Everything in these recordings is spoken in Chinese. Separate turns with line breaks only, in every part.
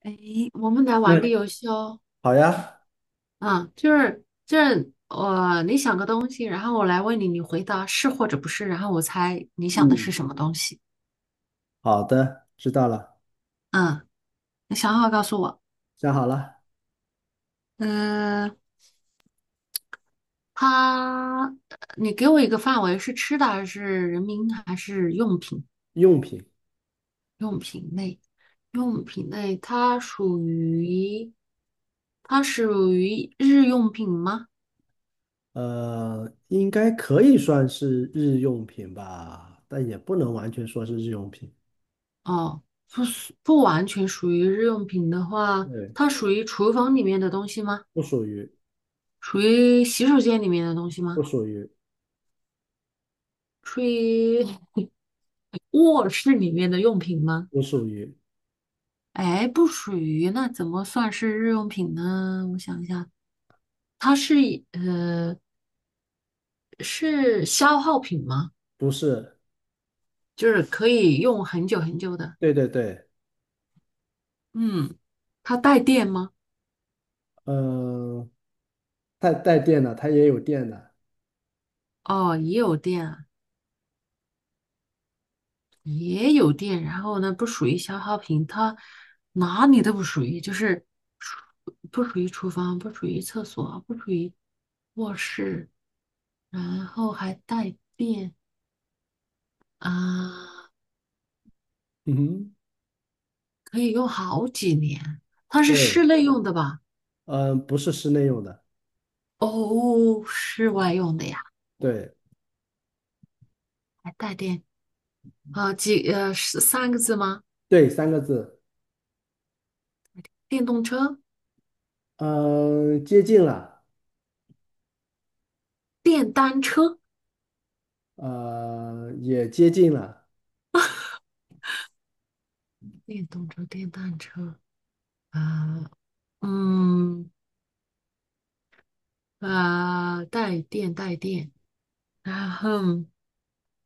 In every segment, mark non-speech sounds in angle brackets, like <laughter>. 哎，我们来玩个
那
游戏哦。
好呀，
嗯，就是我你想个东西，然后我来问你，你回答是或者不是，然后我猜你想的是
嗯，
什么东西。
好的，知道了，
嗯，你想好告诉我。
想好了。
嗯、它，你给我一个范围，是吃的还是人民还是用品？
用品，
用品类，用品类，它属于日用品吗？
应该可以算是日用品吧，但也不能完全说是日用品。
哦，不完全属于日用品的话，
对，
它属于厨房里面的东西吗？
不属于，
属于洗手间里面的东西
不
吗？
属于，
属于 <laughs> 卧室里面的用品吗？
不属于，
哎，不属于，那怎么算是日用品呢？我想一下，它是以呃是消耗品吗？
不是，
就是可以用很久很久的。
对对对，
嗯，它带电吗？
嗯、带电的，它也有电的，
哦，也有电啊。也有电，然后呢，不属于消耗品，它哪里都不属于，就是不属于厨房，不属于厕所，不属于卧室，然后还带电啊，
嗯哼，
可以用好几年。它是
对，
室内用的吧？
嗯、不是室内用的，
哦，室外用的呀，
对
还带电啊，是三个字吗？
对，三个字，
电动车、
嗯、接近了，
电单车、
也接近了，
电动车、电单车啊，嗯。带电，然后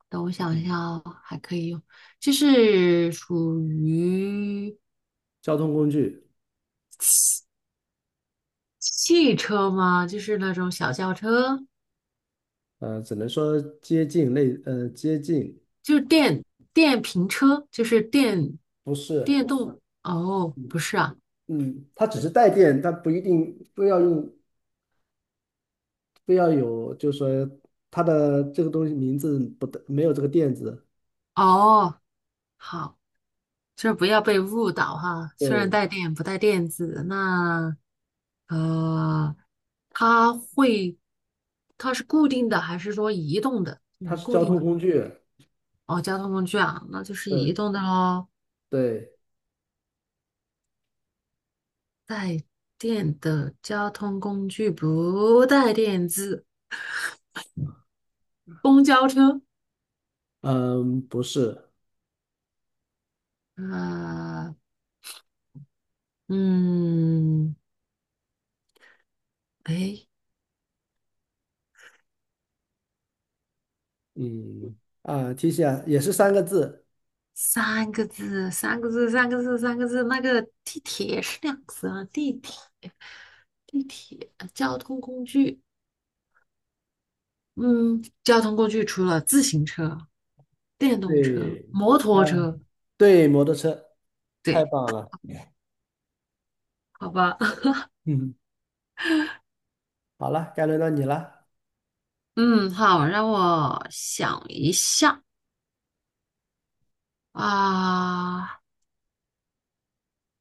等我想一
嗯，
下哦，还可以用，就是属于
交通工具，
汽车吗？就是那种小轿车，
只能说接近类，接近
就是电电瓶车，
不
电
是，
动。哦，不是啊，
嗯，它只是带电，它不一定非要用，非要有，就是说它的这个东西名字不带，没有这个电字，
哦，好，就是不要被误导哈。虽然
对，
带电不带电子，那呃，它会，它是固定的还是说移动的？就
它
是
是
固
交
定
通
的吗
工具，
哦，交通工具啊，那就是移
对
动的喽。
对，
带电的交通工具不带电子，公交车。
嗯，不是，
啊，嗯，哎，
嗯啊，提醒啊，也是三个字，
三个字，三个字，三个字，三个字。那个地铁是两个字啊，地铁，地铁，交通工具。嗯，交通工具除了自行车、电动车、
对，
摩
啊，
托车，
对，摩托车，太
对，
棒了，
好吧。<laughs>
嗯，好了，该轮到你了，
嗯，好，让我想一下。啊，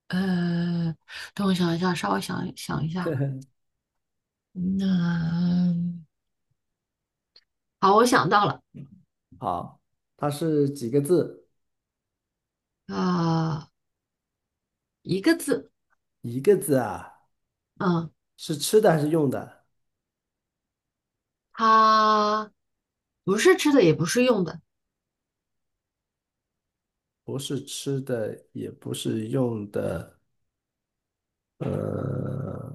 呃，等我想一下，稍微想想一下。那、好，我想到了，
好，它是几个字？
啊、一个字，
一个字啊。
嗯，
是吃的还是用的？
它不是吃的，也不是用的，
不是吃的，也不是用的。呃，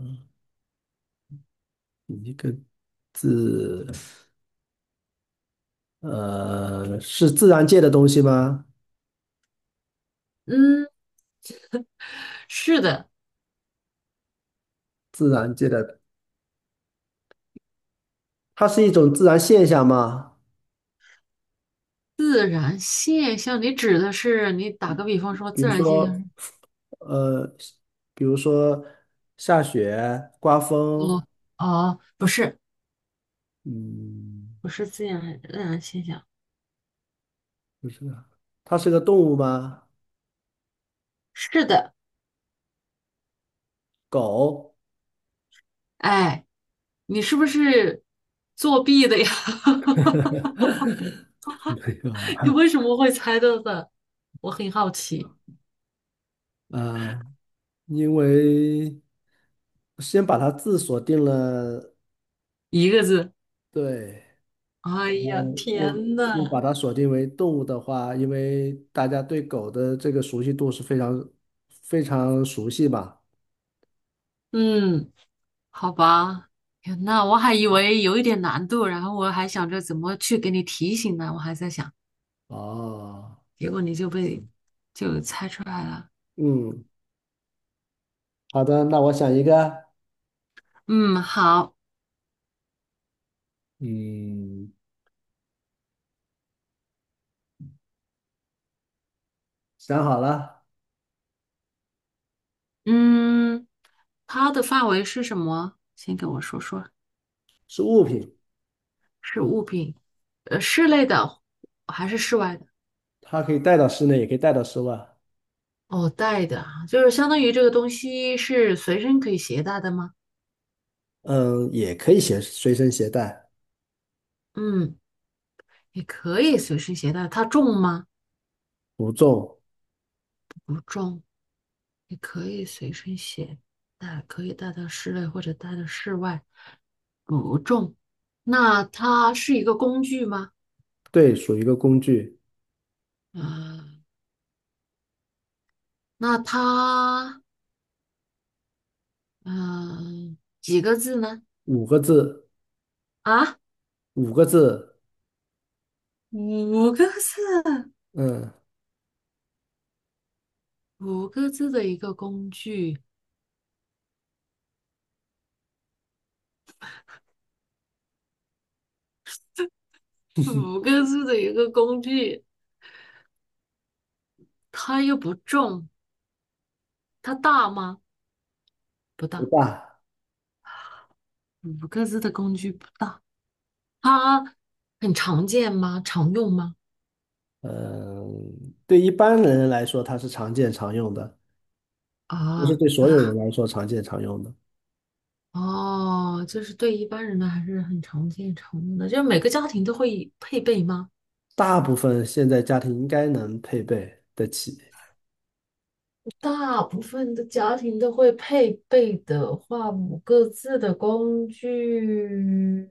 一个字，是自然界的东西吗？
嗯，是的，
自然界的，它是一种自然现象吗？
自然现象。你指的是，你打个比方说，
比
自
如
然现象
说，
是
呃，比如说下雪、刮风，
我哦，不是，
嗯，
不是自然现象，
不是啊，它是个动物吗？
是的，
狗？
哎，你是不是作弊的呀？<laughs>
<laughs> 没有啊，
<laughs> 你为什么会猜到的？我很好奇。
啊，因为。先把它字锁定了，
一个字。
对，
哎
然
呀，
后又
天
又把
呐！
它锁定为动物的话，因为大家对狗的这个熟悉度是非常非常熟悉吧？
嗯，好吧。天呐，我还以为有一点难度，然后我还想着怎么去给你提醒呢，我还在想，
哦，
结果你就被就猜出来了。
嗯，好的，那我想一个，
嗯，好。
嗯，想好了，
嗯，它的范围是什么？先跟我说说，
是物品，
是物品，呃，室内的还是室外的？
它可以带到室内，也可以带到室外，
哦，带的啊，就是相当于这个东西是随身可以携带的吗？
嗯，也可以携随身携带，
嗯。也可以随身携带，它重吗？
不重，
不重，也可以随身携带，可以带到室内或者带到室外，不重。那它是一个工具吗？
对，属于一个工具，
啊，那它，几个字呢？
五个字，
啊，
五个字，
五个字，
嗯，
五个字的一个工具，五个字的一个工具，它又不重，它大吗？不
不
大，
大。
五个字的工具不大。它很常见吗？常用吗？
嗯，对一般人来说，它是常见常用的，不是
啊，
对所有人来说常见常用的。
哦，就是对一般人呢还是很常见常用的，就是每个家庭都会配备吗？
大部分现在家庭应该能配备得起
大部分的家庭都会配备的话，五个字的工具，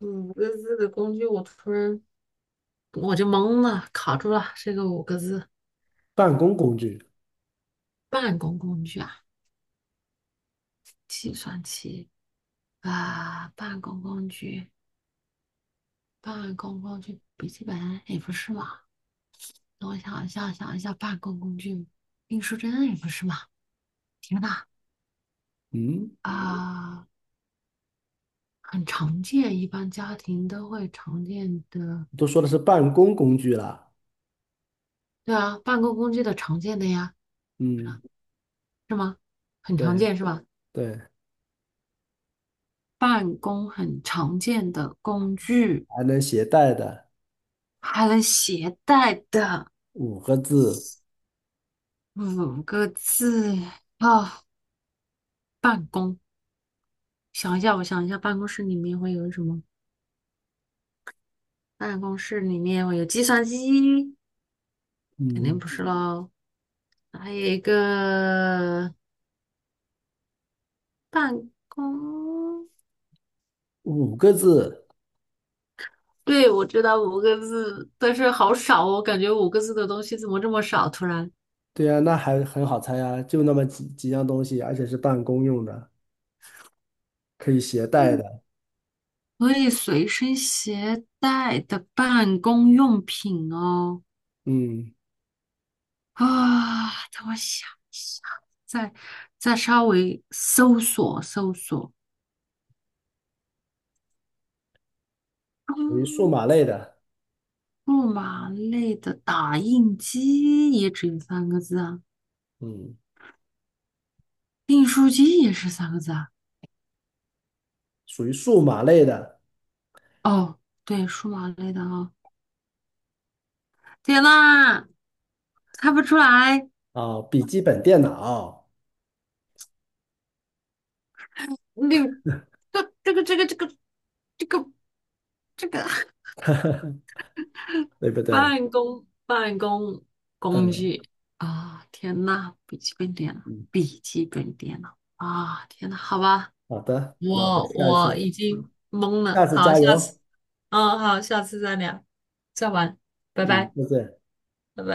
五个字的工具，我突然我就懵了，卡住了。这个五个字，
办公工具。
办公工具啊，计算器啊，办公工具，办公工具，笔记本也不是嘛。等我想一下，想一下，办公工具，订书针也不是嘛？天呐，
嗯，
啊，呃很常见，一般家庭都会常见的。
都说的是办公工具啦。
对啊，办公工具的常见的呀，
嗯，
是吗？很常
对
见是吧？
对，
办公很常见的工具，
还能携带的
还能携带的
五个字。
五个字啊，办公。想一下，我想一下，办公室里面会有什么？办公室里面会有计算机，肯定
嗯，
不是喽。还有一个办公，
五个字。
对，我知道五个字，但是好少哦，感觉五个字的东西怎么这么少？突然，
对啊，那还很好猜啊，就那么几样东西，而且是办公用的，可以携带
嗯，
的。
可以随身携带的办公用品哦。
嗯，
啊，等我想一下，再再稍微搜索搜索。
属于数码
嗯，
类的。
数码类的打印机也只有三个字啊，
嗯，
订书机也是三个字啊。
属于数码类的。
哦，对，数码类的啊、天呐，猜不出来，
哦，笔记本电脑，
你这这个这个这个这个这个
对不
<laughs>
对？
办公工
嗯
具啊！天呐，笔记本电脑，
嗯，
笔记本电脑啊！天呐，好吧，
好的，那我们
我
下一
我
次
已经懵
下
了。
次
好，
加
下
油。
次，嗯，好，下次再聊，再玩，拜
嗯，
拜，
再见。
拜拜。